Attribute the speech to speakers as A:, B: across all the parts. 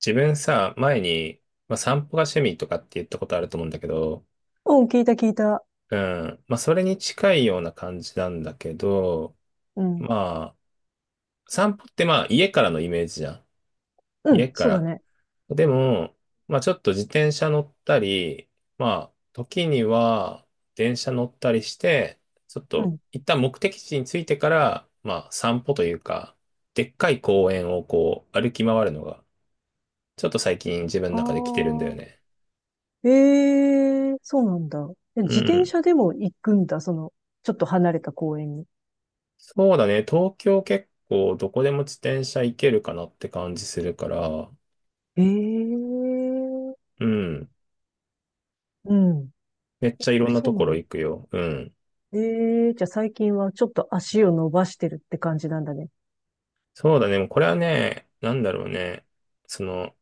A: 自分さ、前に、散歩が趣味とかって言ったことあると思うんだけど、
B: うん、聞いた聞いた。
A: うん。それに近いような感じなんだけど、
B: うん。
A: まあ、散歩って家からのイメージじゃん。
B: う
A: 家
B: ん、
A: か
B: そうだ
A: ら。
B: ね。
A: でも、ちょっと自転車乗ったり、ま時には電車乗ったりして、ちょっ
B: う
A: と
B: ん。
A: 一旦目的地に着いてから、散歩というか、でっかい公園をこう、歩き回るのが、ちょっと最近自分の
B: あ
A: 中で来てるんだよ
B: あ、
A: ね。
B: ええ、そうなんだ。え、
A: う
B: 自転
A: ん、
B: 車でも行くんだ、その、ちょっと離れた公園に。
A: そうだね。東京結構どこでも自転車行けるかなって感じするから、
B: ええ、
A: うん。
B: うん。
A: めっちゃいろんな
B: そ
A: と
B: う
A: こ
B: な
A: ろ
B: んだ。
A: 行くよ。うん。
B: ええ、じゃあ最近はちょっと足を伸ばしてるって感じなんだね。
A: そうだね。もうこれはね、なんだろうね。その、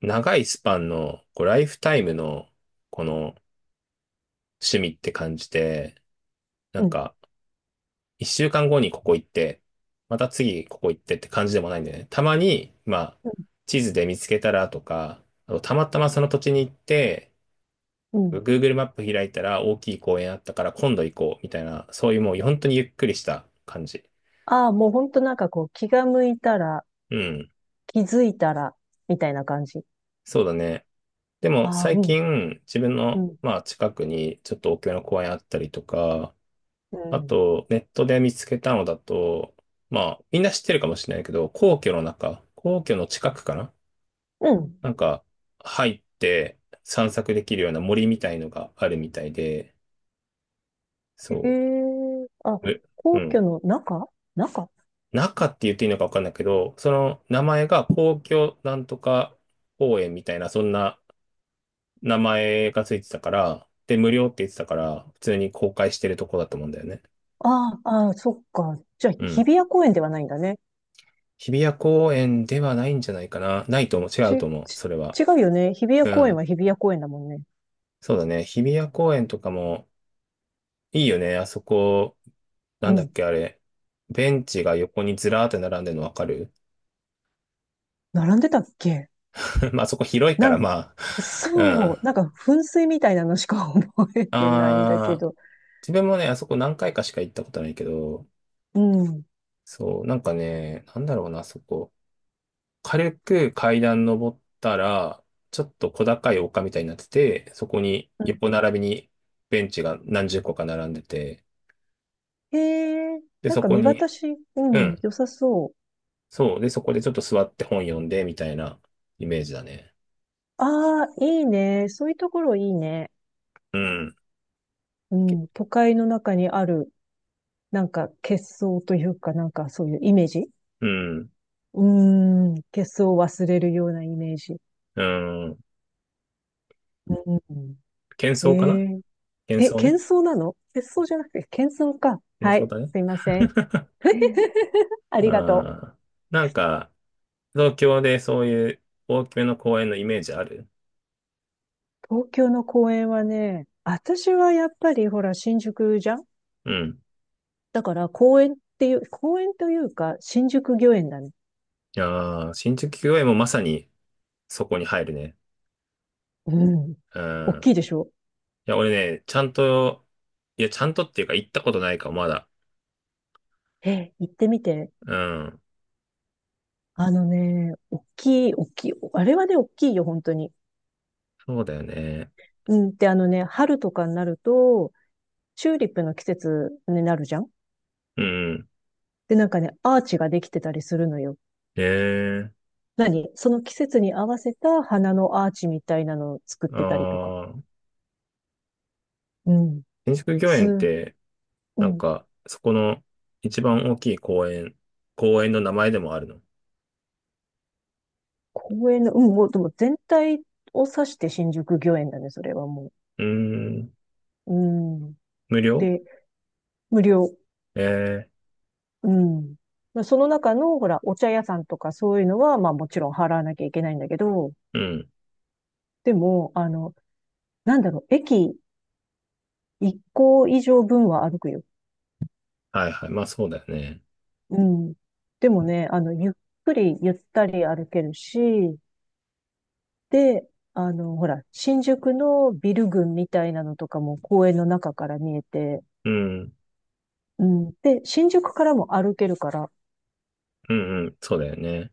A: 長いスパンの、こう、ライフタイムの、この趣味って感じで、な
B: う
A: ん
B: ん、
A: か、一週間後にここ行って、また次ここ行ってって感じでもないんだよね。たまに、
B: う
A: 地図で見つけたらとか、あとたまたまその土地に行って、
B: ん、うん。
A: Google マップ開いたら大きい公園あったから今度行こうみたいな、そういうもう本当にゆっくりした感じ。
B: ああ、もうほんとなんかこう、気が向いたら、
A: うん。
B: 気づいたら、みたいな感じ。
A: そうだね。でも
B: ああ、
A: 最
B: うん、
A: 近自分
B: う
A: の
B: ん、
A: 近くにちょっと大きめの公園あったりとか、
B: う
A: あ
B: ん、
A: とネットで見つけたのだと、みんな知ってるかもしれないけど、皇居の中、皇居の近くかな。
B: うん。
A: なんか入って散策できるような森みたいのがあるみたいで、
B: へ
A: そ
B: え、あ、
A: う。う
B: 皇
A: ん。
B: 居の中。中。
A: 中って言っていいのかわかんないけど、その名前が皇居なんとか公園みたいな、そんな名前がついてたから、で、無料って言ってたから、普通に公開してるとこだと思うんだよね。
B: ああ、あ、そっか。じゃあ、
A: う
B: 日比
A: ん。
B: 谷公園ではないんだね。
A: 日比谷公園ではないんじゃないかな。ないと思う。違う
B: ち、
A: と思う。
B: ち、
A: それは。
B: 違うよね。日比谷
A: う
B: 公園
A: ん。
B: は日比谷公園だもんね。
A: そうだね。日比谷公園とかもいいよね。あそこ、な
B: う
A: んだっ
B: ん。
A: け、あれ。ベンチが横にずらーって並んでるのわかる？
B: 並んでたっけ。
A: あそこ広いか
B: な
A: ら、
B: ん、
A: まあ。う
B: そ
A: ん。
B: う。なんか、噴水みたいなのしか 覚えてないんだけ
A: あー
B: ど。
A: 自分もね、あそこ何回かしか行ったことないけど、
B: うん。うん。
A: そう、なんかね、なんだろうな、あそこ。軽く階段登ったら、ちょっと小高い丘みたいになってて、そこに横並びにベンチが何十個か並んでて、
B: へえ、
A: で、
B: なん
A: そ
B: か
A: こ
B: 見
A: に、
B: 渡し、う
A: う
B: ん、
A: ん、
B: 良さそう。
A: そう、で、そこでちょっと座って本読んで、みたいなイメージだね。
B: ああ、いいね。そういうところいいね。
A: うん、
B: う
A: け
B: ん。都会の中にある、なんか、結相というか、なんかそういうイメージ。
A: うん、
B: うーん、喧騒を忘れるようなイメージ。
A: うん、
B: うん、
A: 喧
B: え
A: 騒かな？
B: え、
A: 喧騒
B: 喧
A: ね。
B: 騒なの？喧騒じゃなくて、喧騒か。
A: 喧
B: は
A: 騒
B: い、
A: だね。
B: すいません。あ
A: う
B: りがと
A: ん。なんか、東京でそういう大きめの公園のイメージある？
B: う。東京の公園はね、私はやっぱりほら、新宿じゃん。
A: うん。
B: だから公園っていう、公園というか、新宿御苑だね。
A: いやー、新宿御苑もまさにそこに入るね。
B: うん。
A: う
B: 大
A: ん。い
B: きいでしょ？
A: や、俺ね、ちゃんとっていうか行ったことないか、もまだ。
B: え、行ってみて。
A: うん。
B: あのね、大きい、大きい。あれはね、大きいよ、本当に。
A: そうだよね。
B: うん。で、あのね、春とかになると、チューリップの季節になるじゃん。
A: うん。
B: で、なんかね、アーチができてたりするのよ。
A: ええ、
B: 何その季節に合わせた花のアーチみたいなのを作っ
A: あ
B: てたりとか。
A: ー、
B: うん。
A: 新宿御
B: す、
A: 苑って、
B: うん。
A: そこの一番大きい公園、公園の名前でもあるの？う
B: 公園の、うん、もう、でも全体を指して新宿御苑だね、それはも
A: ーん。
B: う。うん。
A: 無料？
B: で、無料。
A: ええ、
B: うん。まあその中の、ほら、お茶屋さんとかそういうのは、まあもちろん払わなきゃいけないんだけど、
A: うん。
B: でも、あの、なんだろう、駅1個以上分は歩くよ。
A: はいはい。まあそうだよね。
B: うん。でもね、あの、ゆっくりゆったり歩けるし、で、あの、ほら、新宿のビル群みたいなのとかも公園の中から見えて、
A: うん。
B: うん。で、新宿からも歩けるから、
A: うんうん。そうだよね。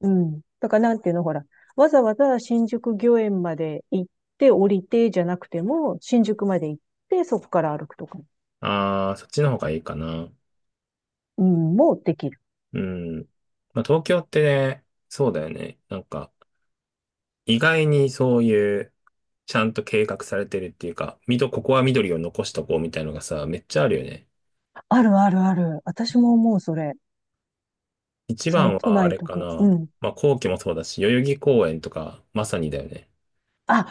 B: うん。だからなんていうの、ほら、わざわざ新宿御苑まで行って降りてじゃなくても、新宿まで行ってそこから歩くとか、
A: あー、そっちの方がいいかな。
B: うん、もうできる。
A: うん。東京ってね、そうだよね。意外にそういう、ちゃんと計画されてるっていうか、ここは緑を残しとこうみたいのがさ、めっちゃあるよね。
B: あるあるある。私も思う、それ。
A: 一
B: そ
A: 番
B: う、都
A: はあ
B: 内
A: れ
B: と
A: か
B: か。う
A: な。
B: ん。
A: 皇居もそうだし、代々木公園とか、まさにだよね。
B: あ、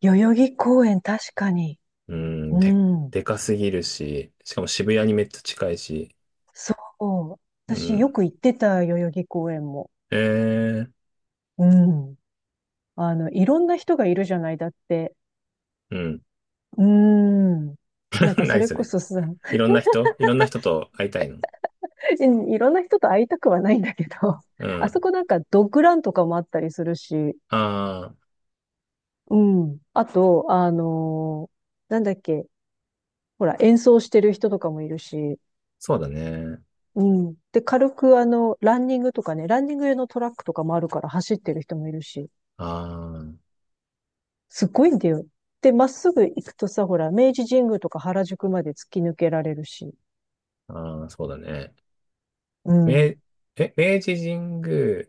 B: 代々木公園確かに。
A: うん、
B: う
A: で、
B: ん。
A: でかすぎるし、しかも渋谷にめっちゃ近いし、
B: そう。
A: う
B: 私よ
A: ん。
B: く行ってた、代々木公園も。
A: えー、
B: うん。あの、いろんな人がいるじゃない、だって。
A: うん。
B: うーん。なん かそ
A: 何
B: れ
A: そ
B: こ
A: れ。
B: そさ、
A: いろんな人いろんな人と会いたいの？
B: いろんな人と会いたくはないんだけど、
A: う
B: あそ
A: ん。
B: こなんかドッグランとかもあったりするし、
A: ああ、
B: うん。あと、あのー、なんだっけ、ほら、演奏してる人とかもいるし、
A: そうだね。
B: うん。で、軽くあの、ランニングとかね、ランニング用のトラックとかもあるから走ってる人もいるし、
A: ああ。
B: すごいんだよ。で、まっすぐ行くとさ、ほら、明治神宮とか原宿まで突き抜けられるし。
A: ああ、そうだね。
B: う
A: 明、
B: ん。
A: え、明治神宮、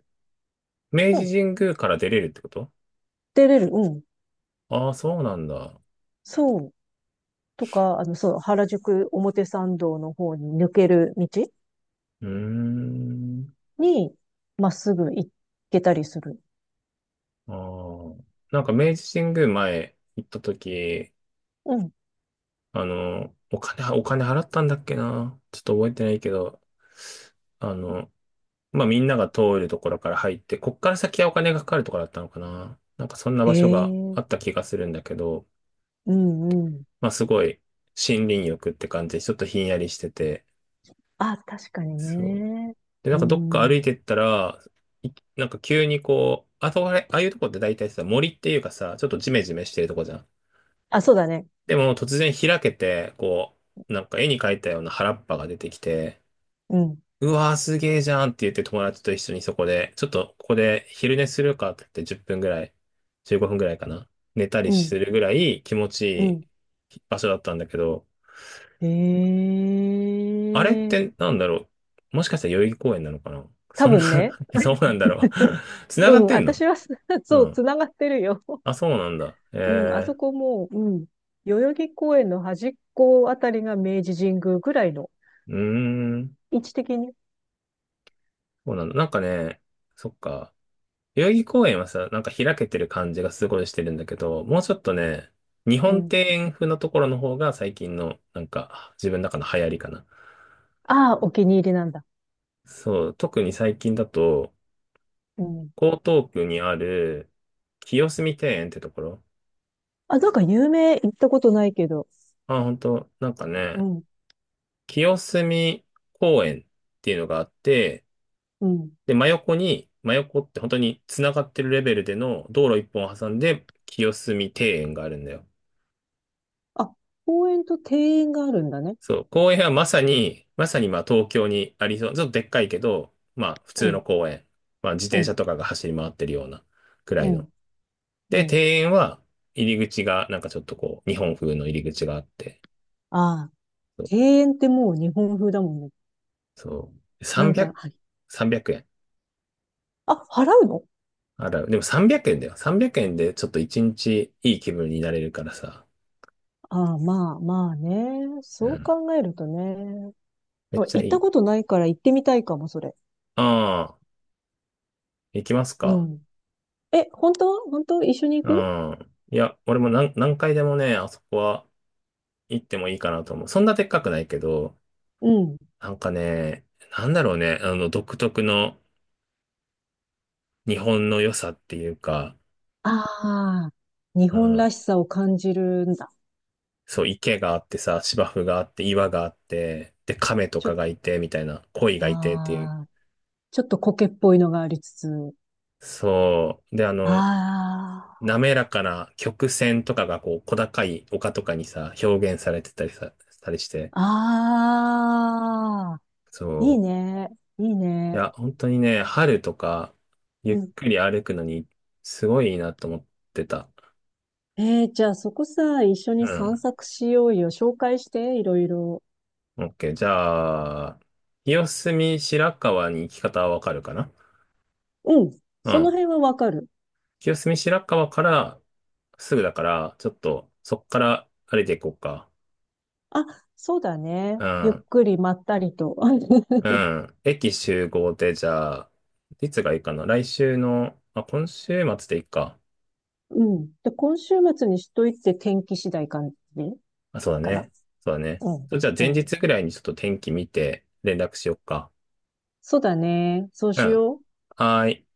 A: 明
B: う
A: 治
B: ん。
A: 神宮から出れるってこと？
B: 出れる。うん。
A: ああ、そうなんだ。
B: そう。とか、あの、そう、原宿表参道の方に抜ける道
A: うーん。
B: に、まっすぐ行けたりする。
A: ああ。なんか明治神宮前行った時、
B: うん。
A: あの、お金払ったんだっけな。ちょっと覚えてないけど、あの、みんなが通るところから入って、こっから先はお金がかかるところだったのかな。なんかそんな場所が
B: え
A: あった
B: え、
A: 気がするんだけど、
B: うんうん。
A: すごい森林浴って感じで、ちょっとひんやりしてて、
B: あ、確かに
A: そう。
B: ね。
A: で、なん
B: う
A: かどっか歩
B: ん。
A: いてったら、いなんか急にこう、あそこあれ、ああいうとこって大体さ、森っていうかさ、ちょっとジメジメしてるとこじゃん。
B: あ、そうだね。
A: でも突然開けて、こう、なんか絵に描いたような原っぱが出てきて、
B: うん。
A: うわーすげーじゃんって言って友達と一緒にそこで、ちょっとここで昼寝するかって言って10分ぐらい、15分ぐらいかな。寝たり
B: う
A: す
B: ん。
A: るぐらい気持ち
B: うん。
A: いい場所だったんだけど、あれっ
B: ええ、
A: てなんだろう、もしかしたら代々木公園なのかな。
B: 多
A: そんな
B: 分ね。
A: そうなんだろう？ 繋
B: う
A: がっ
B: ん。
A: てんの？
B: 私は
A: う
B: そう、つ
A: ん。
B: ながってるよ。
A: あ、そうなんだ。
B: うん、あ
A: え
B: そ
A: え、
B: こもう、うん、代々木公園の端っこあたりが明治神宮ぐらいの
A: うーん。
B: 位置的に。
A: そうなんだ。なんかね、そっか。代々木公園はさ、なんか開けてる感じがすごいしてるんだけど、もうちょっとね、日
B: う
A: 本
B: ん。
A: 庭園風のところの方が最近の、なんか、自分の中の流行りかな。
B: ああ、お気に入りなんだ。
A: そう、特に最近だと、
B: うん。
A: 江東区にある、清澄庭園ってところ。
B: あ、なんか有名？行ったことないけど。
A: あ、本当なんか
B: う
A: ね、
B: ん、
A: 清澄公園っていうのがあって、
B: うん。
A: で、真横って本当に繋がってるレベルでの道路一本を挟んで清澄庭園があるんだよ。
B: あ、公園と庭園があるんだね。
A: そう、公園はまさにまあ東京にありそう、ちょっとでっかいけど、まあ普
B: う
A: 通の
B: ん、
A: 公園。まあ自
B: う
A: 転
B: ん、
A: 車とかが走り回ってるようなくら
B: う
A: いの。
B: ん、う
A: で、
B: ん。
A: 庭園は入り口がなんかちょっとこう、日本風の入り口があって、
B: ああ、
A: そう、
B: 庭園ってもう日本風だもんね。
A: そ
B: なんか、はい。
A: 300、円。
B: あ、払うの？
A: あら、でも300円だよ。300円でちょっと一日いい気分になれるからさ。
B: ああ、まあ、まあね。
A: う
B: そう
A: ん。
B: 考えるとね。
A: めっち
B: 行
A: ゃ
B: っ
A: い
B: た
A: い。
B: ことないから行ってみたいかも、それ。
A: ああ。行きます
B: う
A: か？
B: ん。え、本当？本当一緒に
A: う
B: 行く？
A: ん。いや、俺も何回でもね、あそこは行ってもいいかなと思う。そんなでっかくないけど、
B: うん。
A: なんかね、なんだろうね、あの、独特の日本の良さっていうか、
B: ああ、日
A: う
B: 本
A: ん。
B: らしさを感じるんだ。
A: そう、池があってさ、芝生があって、岩があって、で、亀と
B: ちょっ
A: か
B: と、
A: がいて、みたいな、鯉
B: あ
A: がいてっていう。
B: あ、ちょっと苔っぽいのがありつつ。
A: そう。で、あの、
B: あ
A: 滑らかな曲線とかがこう、小高い丘とかにさ、表現されてたりさ、したりして、
B: あ、ああ、いい
A: そう。
B: ね、いい
A: い
B: ね。
A: や、本当にね、春とか、ゆ
B: う
A: っ
B: ん。
A: くり歩くのに、すごいいいなと思ってた。
B: えー、じゃあそこさ、一緒に
A: う
B: 散
A: ん。
B: 策しようよ。紹介して、いろいろ。
A: OK。じゃあ、清澄白河に行き方はわかるかな？
B: うん。
A: う
B: その
A: ん。
B: 辺はわかる。
A: 清澄白河から、すぐだから、ちょっと、そっから歩いていこうか。
B: あ、そうだね。
A: う
B: ゆっ
A: ん。
B: くりまったりと。
A: う ん。駅集合で、じゃあ、いつがいいかな。来週の、あ、今週末でいいか。
B: うん。で、今週末にしといて天気次第かね。
A: あ、そうだ
B: かな？
A: ね。そうだね。
B: うん。
A: じゃあ、
B: う
A: 前
B: ん。
A: 日ぐらいにちょっと天気見て、連絡しようか。
B: そうだね。そう
A: う
B: し
A: ん。
B: よう。
A: はーい。